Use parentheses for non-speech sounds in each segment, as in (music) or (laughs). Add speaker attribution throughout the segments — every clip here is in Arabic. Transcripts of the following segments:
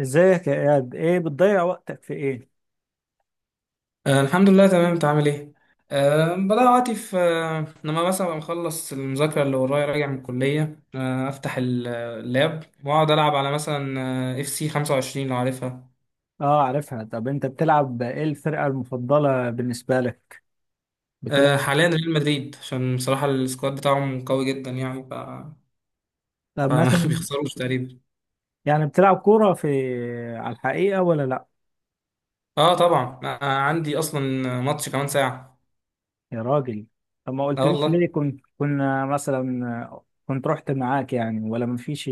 Speaker 1: ازيك يا اياد؟ ايه بتضيع وقتك في ايه؟
Speaker 2: آه، الحمد لله، تمام. انت عامل ايه؟ بدأ وقتي في، لما مثلا أبقى مخلص المذاكرة اللي ورايا راجع من الكلية، أفتح اللاب وأقعد ألعب على، مثلا، اف سي 25، لو عارفها.
Speaker 1: اه، عارفها. طب انت بتلعب ايه؟ الفرقة المفضلة بالنسبة لك؟ بتلعب؟
Speaker 2: حاليا ريال مدريد، عشان بصراحة السكواد بتاعهم قوي جدا يعني،
Speaker 1: طب
Speaker 2: فما (laughs)
Speaker 1: مثلا،
Speaker 2: بيخسروش تقريبا.
Speaker 1: يعني بتلعب كورة في، على الحقيقة ولا لا؟
Speaker 2: اه، طبعا، عندي أصلا ماتش كمان ساعة.
Speaker 1: يا راجل. طب ما
Speaker 2: اه
Speaker 1: قلتليش
Speaker 2: والله.
Speaker 1: ليه؟ كنت كنا مثلا كنت رحت معاك يعني ولا مفيش؟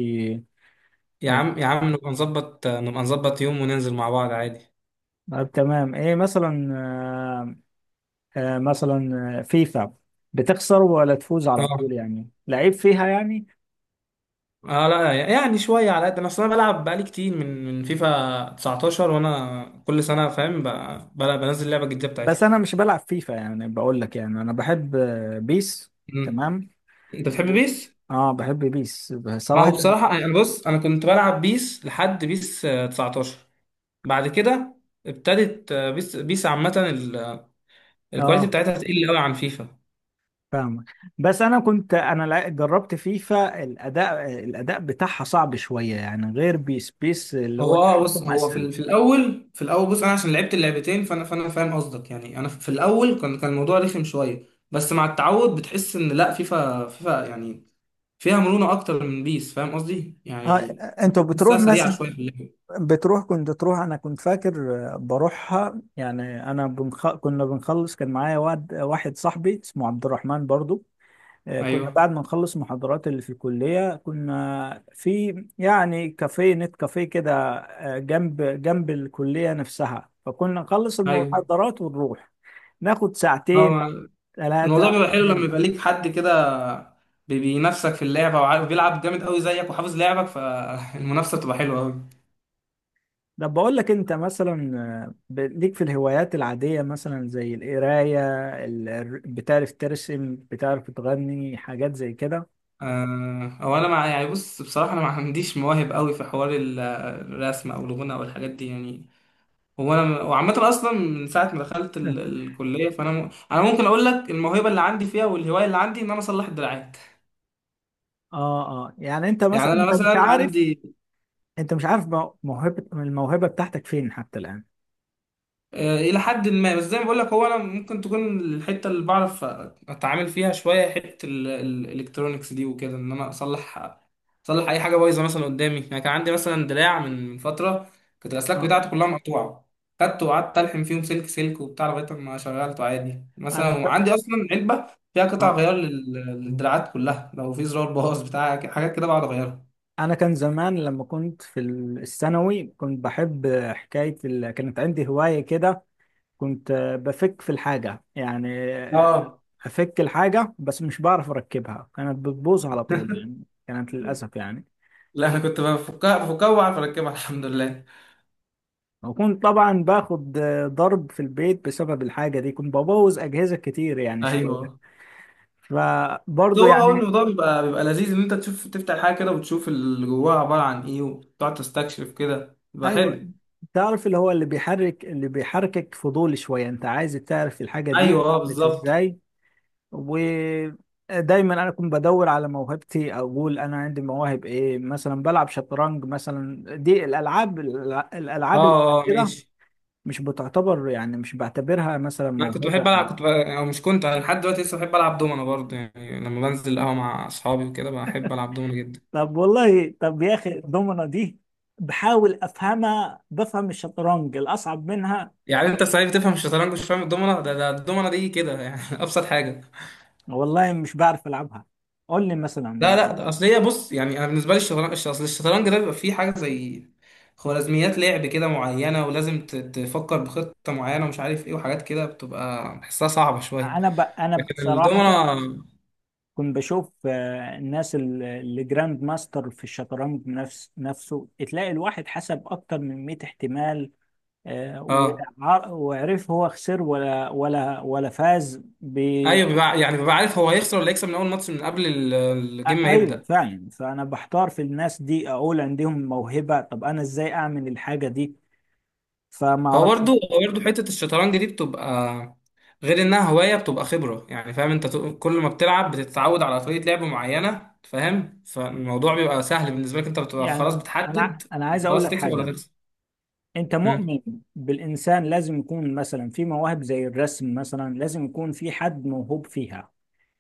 Speaker 2: يا عم يا عم، نبقى نظبط يوم وننزل مع بعض عادي.
Speaker 1: طب تمام. ايه مثلا، مثلا فيفا، بتخسر ولا تفوز على
Speaker 2: اه
Speaker 1: طول؟ يعني لعيب فيها يعني.
Speaker 2: اه لا، يعني شويه، على قد انا اصلا بلعب بقالي كتير من فيفا 19، وانا كل سنه فاهم بنزل لعبه جديده
Speaker 1: بس
Speaker 2: بتاعتها.
Speaker 1: انا مش بلعب فيفا، يعني بقول لك، يعني انا بحب بيس.
Speaker 2: مم.
Speaker 1: تمام.
Speaker 2: انت بتحب
Speaker 1: و...
Speaker 2: بيس؟
Speaker 1: اه، بحب بيس
Speaker 2: ما هو
Speaker 1: صراحة.
Speaker 2: بصراحه انا، بص، انا كنت بلعب بيس لحد بيس 19. بعد كده ابتدت، بيس، بيس عامه، الكواليتي
Speaker 1: اه،
Speaker 2: بتاعتها تقل قوي عن فيفا.
Speaker 1: فاهمك. بس انا كنت جربت فيفا، الاداء بتاعها صعب شوية يعني، غير بيس بيس اللي هو
Speaker 2: هو بص،
Speaker 1: تحكم
Speaker 2: هو في
Speaker 1: اسهل.
Speaker 2: في الاول، بص، انا عشان لعبت اللعبتين، فانا فاهم قصدك. يعني انا في الاول كان الموضوع رخم شويه، بس مع التعود بتحس ان لا، فيفا يعني فيها مرونة أكتر من بيس. فاهم قصدي؟
Speaker 1: اه.
Speaker 2: يعني
Speaker 1: انتوا
Speaker 2: بحسها
Speaker 1: بتروح
Speaker 2: سريعة
Speaker 1: مثلا،
Speaker 2: شوية في اللعب.
Speaker 1: بتروح كنت تروح؟ انا كنت فاكر بروحها يعني. كنا بنخلص، كان معايا واد واحد صاحبي اسمه عبد الرحمن برضو. كنا
Speaker 2: أيوه.
Speaker 1: بعد ما نخلص محاضرات اللي في الكلية، كنا في يعني كافيه نت، كافيه كده جنب جنب الكلية نفسها. فكنا نخلص
Speaker 2: أيوه.
Speaker 1: المحاضرات ونروح ناخد
Speaker 2: هو
Speaker 1: ساعتين
Speaker 2: ما- الموضوع
Speaker 1: ثلاثة
Speaker 2: بيبقى حلو لما
Speaker 1: نرجع.
Speaker 2: يبقى ليك حد كده بينافسك في اللعبة، وعارف بيلعب جامد قوي زيك وحافظ لعبك، فالمنافسة (laughs) بتبقى حلوة قوي.
Speaker 1: ده بقول لك انت مثلا ليك في الهوايات العادية مثلا زي القراية، بتعرف ترسم؟ بتعرف تغني؟ حاجات زي كده؟
Speaker 2: هو أنا، مع، يعني، بص، بصراحة أنا ما عنديش مواهب قوي في حوار الرسم أو الغنى أو الحاجات دي يعني. هو أنا وعامة أصلا من ساعة ما دخلت
Speaker 1: (laughs) اه،
Speaker 2: الكلية، فأنا، أنا ممكن أقول لك، الموهبة اللي عندي فيها والهواية اللي عندي، إن أنا أصلح الدراعات.
Speaker 1: اه، يعني انت مثلا
Speaker 2: يعني انا
Speaker 1: انت مش
Speaker 2: مثلا
Speaker 1: عارف،
Speaker 2: عندي،
Speaker 1: انت مش عارف الموهبة بتاعتك فين حتى الآن؟
Speaker 2: الى حد ما، بس زي ما بقول لك، هو انا ممكن تكون الحته اللي بعرف اتعامل فيها شويه، حته الالكترونيكس دي وكده، ان انا اصلح اي حاجه بايظه مثلا قدامي. يعني كان عندي مثلا دراع من فتره كانت الاسلاك بتاعته كلها مقطوعه، خدته وقعدت الحم فيهم سلك سلك وبتاع لغايه ما شغلته عادي.
Speaker 1: انا
Speaker 2: مثلا
Speaker 1: ك-
Speaker 2: وعندي اصلا علبه فيها قطع
Speaker 1: اه،
Speaker 2: غيار للدراعات كلها، لو في زرار باظ بتاع حاجات كده بقعد اغيرها.
Speaker 1: انا كان زمان لما كنت في الثانوي كنت بحب حكايه كانت عندي هوايه كده. كنت بفك في الحاجه يعني،
Speaker 2: اه.
Speaker 1: افك الحاجه بس مش بعرف اركبها، كانت بتبوظ على طول
Speaker 2: (laughs)
Speaker 1: يعني، كانت للاسف يعني.
Speaker 2: لا، انا كنت بفكها بفكها وبعرف اركبها الحمد لله.
Speaker 1: وكنت طبعا باخد ضرب في البيت بسبب الحاجه دي، كنت ببوظ اجهزه كتير يعني شويه،
Speaker 2: ايوه.
Speaker 1: فبرضه
Speaker 2: هو
Speaker 1: يعني.
Speaker 2: الموضوع بيبقى لذيذ، ان انت تشوف، تفتح حاجه كده وتشوف اللي جواها عباره عن ايه وتقعد تستكشف كده، بيبقى
Speaker 1: ايوه.
Speaker 2: حلو.
Speaker 1: تعرف اللي هو اللي بيحركك فضول شويه، انت عايز تعرف الحاجه دي
Speaker 2: ايوه، اه،
Speaker 1: عملت
Speaker 2: بالظبط.
Speaker 1: ازاي. ودايما انا كنت بدور على موهبتي، اقول انا عندي مواهب ايه. مثلا بلعب شطرنج، مثلا دي الالعاب،
Speaker 2: اه
Speaker 1: اللي
Speaker 2: اه،
Speaker 1: كده
Speaker 2: ماشي.
Speaker 1: مش بتعتبر يعني، مش بعتبرها مثلا
Speaker 2: انا كنت
Speaker 1: موهبة.
Speaker 2: بحب العب، او مش كنت، أنا لحد دلوقتي لسه بحب العب دومنه برضه، يعني لما بنزل القهوه مع اصحابي وكده بحب العب دومنه جدا.
Speaker 1: طب والله، طب يا اخي الضمنة دي بحاول افهمها، بفهم الشطرنج الاصعب منها.
Speaker 2: يعني انت صحيح بتفهم الشطرنج مش فاهم الدومنه؟ ده الدومنه دي كده يعني، (laughs) ابسط حاجه.
Speaker 1: والله مش بعرف العبها. قول لي
Speaker 2: لا
Speaker 1: مثلا.
Speaker 2: لا، ده اصل هي، بص، يعني انا بالنسبه لي الشطرنج، اصل الشطرنج ده بيبقى فيه حاجه زي خوارزميات لعب كده معينه، ولازم تفكر بخطه معينه ومش عارف ايه وحاجات كده، بتبقى بحسها صعبه شويه.
Speaker 1: انا
Speaker 2: لكن
Speaker 1: بصراحة
Speaker 2: الدومنه.
Speaker 1: كنت بشوف الناس اللي جراند ماستر في الشطرنج، نفسه تلاقي الواحد حسب اكتر من 100 احتمال،
Speaker 2: اه.
Speaker 1: وعرف هو خسر ولا فاز ب
Speaker 2: ايوه، يعني بيبقى عارف هو هيخسر ولا هيكسب من اول ماتش، من قبل الجيم ما
Speaker 1: ايوه
Speaker 2: يبدا.
Speaker 1: فعلا. فانا بحتار في الناس دي، اقول عندهم موهبة، طب انا ازاي اعمل الحاجة دي؟ فما
Speaker 2: هو
Speaker 1: اعرفش
Speaker 2: برضو هو برضو حتة الشطرنج دي بتبقى، غير انها هواية، بتبقى خبرة. يعني فاهم، انت، كل ما بتلعب بتتعود على طريقة لعب معينة، فاهم، فالموضوع بيبقى سهل بالنسبة لك، انت بتبقى خلاص
Speaker 1: يعني. انا
Speaker 2: بتحدد،
Speaker 1: انا عايز اقول
Speaker 2: خلاص
Speaker 1: لك
Speaker 2: هتكسب ولا
Speaker 1: حاجة،
Speaker 2: هتخسر.
Speaker 1: انت
Speaker 2: مم.
Speaker 1: مؤمن بالانسان لازم يكون مثلا في مواهب زي الرسم؟ مثلا لازم يكون في حد موهوب فيها،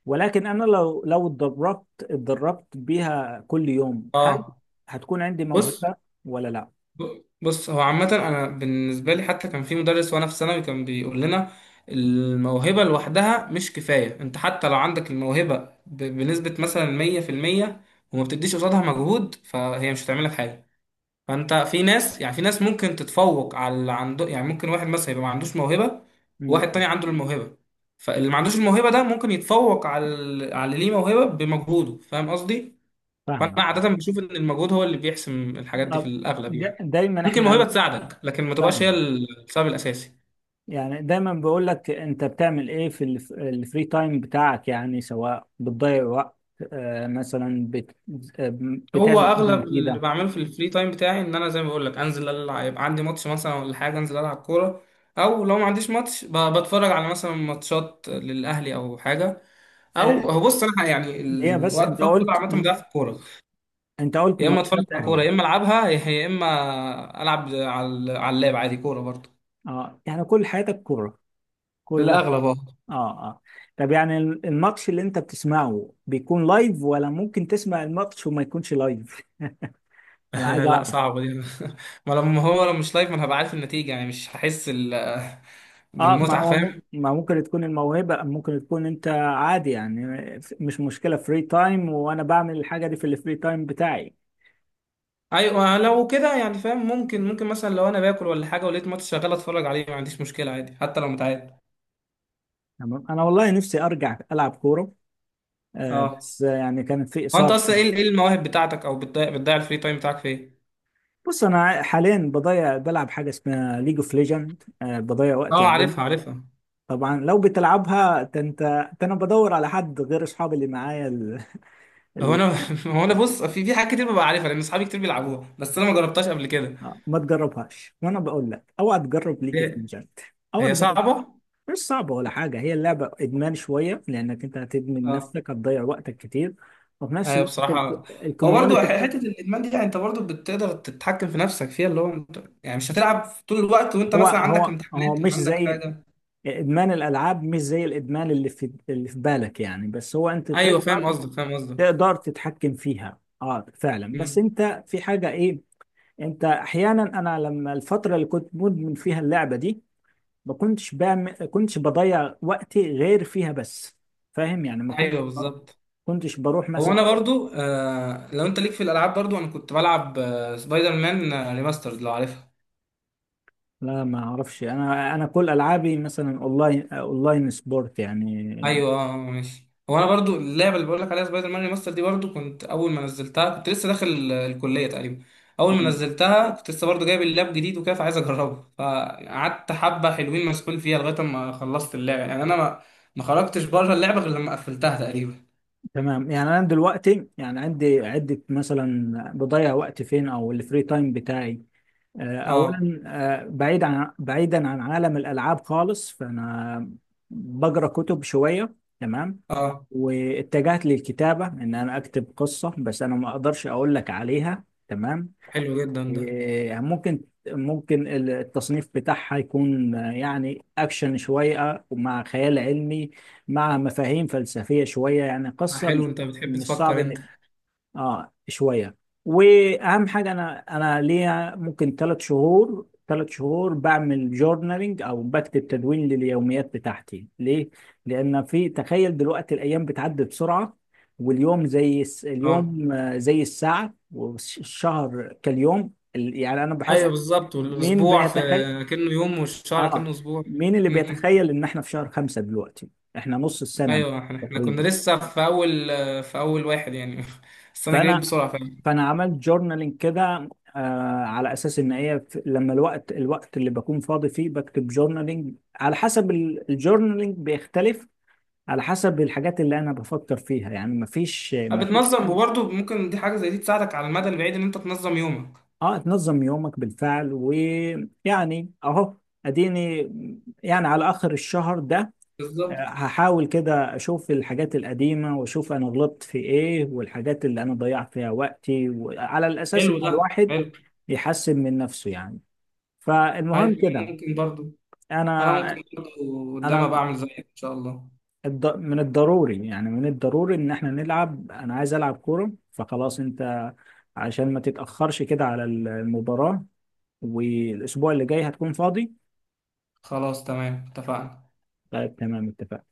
Speaker 1: ولكن انا لو اتدربت بيها كل يوم، هل
Speaker 2: اه
Speaker 1: هتكون عندي
Speaker 2: بص،
Speaker 1: موهبة ولا لا؟
Speaker 2: بص، هو عامة انا بالنسبة لي، حتى كان في مدرس وانا في ثانوي كان بيقول لنا، الموهبة لوحدها مش كفاية. انت حتى لو عندك الموهبة بنسبة مثلا 100%، وما بتديش قصادها مجهود، فهي مش هتعملك حاجة. فانت في ناس، يعني في ناس ممكن تتفوق على اللي عنده، يعني ممكن واحد مثلا يبقى ما عندوش موهبه،
Speaker 1: امم.
Speaker 2: وواحد تاني عنده الموهبه، فاللي ما عندوش الموهبه ده ممكن يتفوق على على اللي ليه موهبه بمجهوده. فاهم قصدي؟ فانا
Speaker 1: فاهمك.
Speaker 2: عاده بشوف ان المجهود هو اللي بيحسم الحاجات دي في
Speaker 1: طب
Speaker 2: الاغلب يعني.
Speaker 1: دايما
Speaker 2: ممكن
Speaker 1: احنا
Speaker 2: الموهبه تساعدك، لكن ما تبقاش هي
Speaker 1: فاهم؟
Speaker 2: السبب الاساسي.
Speaker 1: يعني دايما بقول لك انت بتعمل ايه في الفري تايم بتاعك، يعني سواء بتضيع وقت آه، مثلا بت آه،
Speaker 2: هو
Speaker 1: بتعمل حاجة
Speaker 2: اغلب اللي
Speaker 1: مفيدة.
Speaker 2: بعمله في الفري تايم بتاعي ان انا، زي ما بقول لك، انزل العب، يبقى عندي ماتش مثلا ولا حاجه، انزل العب كوره، او لو ما عنديش ماتش بتفرج على مثلا ماتشات للاهلي او حاجه.
Speaker 1: آه،
Speaker 2: او هو، بص، انا يعني
Speaker 1: هي بس
Speaker 2: الوقت
Speaker 1: انت
Speaker 2: الفاضي كله
Speaker 1: قلت،
Speaker 2: عامه بضيع في الكوره.
Speaker 1: انت قلت
Speaker 2: يا اما اتفرج
Speaker 1: ماتشات
Speaker 2: على كوره،
Speaker 1: اهلي.
Speaker 2: يا اما العبها، يا اما العب على، على اللاب عادي كوره برضه.
Speaker 1: اه، يعني كل حياتك كورة
Speaker 2: في
Speaker 1: كلها؟
Speaker 2: الاغلب.
Speaker 1: اه، اه. طب يعني الماتش اللي انت بتسمعه بيكون لايف ولا ممكن تسمع الماتش وما يكونش لايف؟ (laughs) انا عايز
Speaker 2: اه. (laughs) لا،
Speaker 1: اعرف.
Speaker 2: صعبه دي. (laughs) ما لما هو لو مش لايف، ما انا هبقى عارف النتيجه يعني، مش هحس
Speaker 1: اه. ما
Speaker 2: بالمتعه،
Speaker 1: هو مم-
Speaker 2: فاهم؟
Speaker 1: ما ممكن تكون الموهبة ممكن تكون انت عادي يعني، مش مشكلة فري تايم، وانا بعمل الحاجة دي في الفري تايم بتاعي.
Speaker 2: ايوه، لو كده يعني، فاهم، ممكن، ممكن مثلا لو انا باكل ولا حاجه ولقيت ماتش شغال اتفرج عليه ما عنديش مشكله عادي، حتى لو متعاد.
Speaker 1: تمام. انا والله نفسي ارجع العب كورة، آه
Speaker 2: اه.
Speaker 1: بس يعني كانت في
Speaker 2: هو انت
Speaker 1: اصابة.
Speaker 2: اصلا ايه ايه المواهب بتاعتك، او بتضيع الفري تايم بتاعك في ايه؟
Speaker 1: بص، انا حاليا بضيع بلعب حاجة اسمها ليج اوف ليجند، آه بضيع وقتي
Speaker 2: اه،
Speaker 1: عليها.
Speaker 2: عارفها عارفها.
Speaker 1: طبعا لو بتلعبها ده انت، ده انا بدور على حد غير اصحابي اللي معايا ال-
Speaker 2: هو انا (laughs) هو انا، بص، في حاجات كتير ببقى عارفها لان اصحابي كتير بيلعبوها، بس انا ما جربتهاش قبل كده.
Speaker 1: ما تجربهاش، وانا بقول لك اوعى تجرب، ليك في
Speaker 2: هي
Speaker 1: مجلد، اوعى
Speaker 2: هي
Speaker 1: تجرب.
Speaker 2: صعبه.
Speaker 1: مش صعبه ولا حاجه، هي اللعبه ادمان شويه، لانك انت هتدمن
Speaker 2: اه.
Speaker 1: نفسك، هتضيع وقتك كتير. وفي نفس
Speaker 2: ايوه،
Speaker 1: الوقت
Speaker 2: بصراحه. هو برضو
Speaker 1: الكوميونتي،
Speaker 2: حته الادمان دي، يعني انت برضو بتقدر تتحكم في نفسك فيها، اللي هو انت يعني مش هتلعب طول الوقت وانت
Speaker 1: هو
Speaker 2: مثلا عندك
Speaker 1: هو هو
Speaker 2: امتحانات
Speaker 1: مش
Speaker 2: او عندك
Speaker 1: زي
Speaker 2: حاجه.
Speaker 1: ادمان الالعاب، مش زي الادمان اللي اللي في بالك يعني، بس هو انت
Speaker 2: ايوه، فاهم
Speaker 1: تقدر،
Speaker 2: قصدك، فاهم قصدك.
Speaker 1: تقدر تتحكم فيها. اه فعلا. بس
Speaker 2: مم.
Speaker 1: انت في حاجه ايه، انت احيانا، انا لما الفتره اللي كنت مدمن فيها اللعبه دي ما كنتش بعمل، كنتش بضيع وقتي غير فيها بس، فاهم يعني؟ ما كنت
Speaker 2: ايوه بالظبط.
Speaker 1: كنتش بروح
Speaker 2: هو
Speaker 1: مثلا.
Speaker 2: انا برضو، لو انت ليك في الالعاب برضو، انا كنت بلعب سبايدر مان ريماسترد لو عارفها.
Speaker 1: لا ما اعرفش، انا كل العابي مثلا اونلاين، اونلاين سبورت يعني.
Speaker 2: ايوه، اه، ماشي. هو انا برضو اللعبه اللي بقول لك عليها سبايدر مان ريماستر دي برضو، كنت اول ما نزلتها كنت لسه داخل الكليه تقريبا. اول ما
Speaker 1: مم.
Speaker 2: نزلتها كنت لسه برضو جايب اللاب جديد وكده، فعايز اجربه، فقعدت حبه حلوين مسحول فيها لغايه ما خلصت اللعبه، يعني انا ما خرجتش بره اللعبه غير لما قفلتها تقريبا.
Speaker 1: تمام. يعني انا دلوقتي يعني عندي عدة مثلا بضيع وقت فين، او الفري تايم بتاعي
Speaker 2: اه.
Speaker 1: اولا بعيدا عن عالم الالعاب خالص، فانا بقرا كتب شويه. تمام.
Speaker 2: اه،
Speaker 1: واتجهت للكتابه ان انا اكتب قصه، بس انا ما اقدرش اقول لك عليها. تمام.
Speaker 2: حلو جدا ده.
Speaker 1: إيه، ممكن، ممكن التصنيف بتاعها يكون يعني اكشن شويه، مع خيال علمي، مع مفاهيم فلسفيه شويه، يعني قصه
Speaker 2: حلو،
Speaker 1: مش،
Speaker 2: انت بتحب
Speaker 1: مش صعب
Speaker 2: تفكر انت.
Speaker 1: انك، اه شويه. واهم حاجه انا، انا ليا ممكن ثلاث شهور بعمل جورنالينج، او بكتب تدوين لليوميات بتاعتي. ليه؟ لان في تخيل دلوقتي، الايام بتعدي بسرعه، واليوم زي
Speaker 2: اه،
Speaker 1: اليوم زي الساعه، والشهر يعني انا بحس.
Speaker 2: ايوه، بالظبط.
Speaker 1: مين
Speaker 2: والاسبوع في
Speaker 1: بيتخيل،
Speaker 2: كأنه يوم، والشهر كأنه
Speaker 1: اه،
Speaker 2: اسبوع.
Speaker 1: مين اللي بيتخيل ان احنا في شهر خمسة دلوقتي؟ احنا نص السنه
Speaker 2: ايوه، إحنا كنا
Speaker 1: تقريبا.
Speaker 2: لسه في اول، في اول واحد يعني. (laughs) بس انا جريت
Speaker 1: فانا
Speaker 2: بسرعه فعلا.
Speaker 1: فانا عملت جورنالينج كده، آه، على اساس ان هي لما الوقت، اللي بكون فاضي فيه بكتب جورنالينج. على حسب الجورنالينج بيختلف على حسب الحاجات اللي انا بفكر فيها يعني، مفيش مفيش
Speaker 2: بتنظم،
Speaker 1: حاجة.
Speaker 2: وبرضه ممكن، دي حاجه زي دي تساعدك على المدى البعيد، ان انت تنظم يومك.
Speaker 1: اه، تنظم يومك بالفعل، ويعني اهو اديني، يعني على اخر الشهر ده
Speaker 2: بالظبط.
Speaker 1: هحاول كده اشوف الحاجات القديمة، واشوف انا غلطت في ايه، والحاجات اللي انا ضيعت فيها وقتي، وعلى الاساس
Speaker 2: حلو،
Speaker 1: ان
Speaker 2: ده
Speaker 1: الواحد
Speaker 2: حلو.
Speaker 1: يحسن من نفسه يعني.
Speaker 2: أيوة،
Speaker 1: فالمهم كده،
Speaker 2: ممكن برضه، انا ممكن
Speaker 1: انا
Speaker 2: برضه قدام ابقى
Speaker 1: انا
Speaker 2: اعمل زيك ان شاء الله.
Speaker 1: من الضروري، يعني من الضروري ان احنا نلعب، انا عايز العب كورة. فخلاص انت عشان ما تتأخرش كده على المباراة، والاسبوع اللي جاي هتكون فاضي.
Speaker 2: خلاص، تمام، اتفقنا.
Speaker 1: طيب تمام، اتفقنا.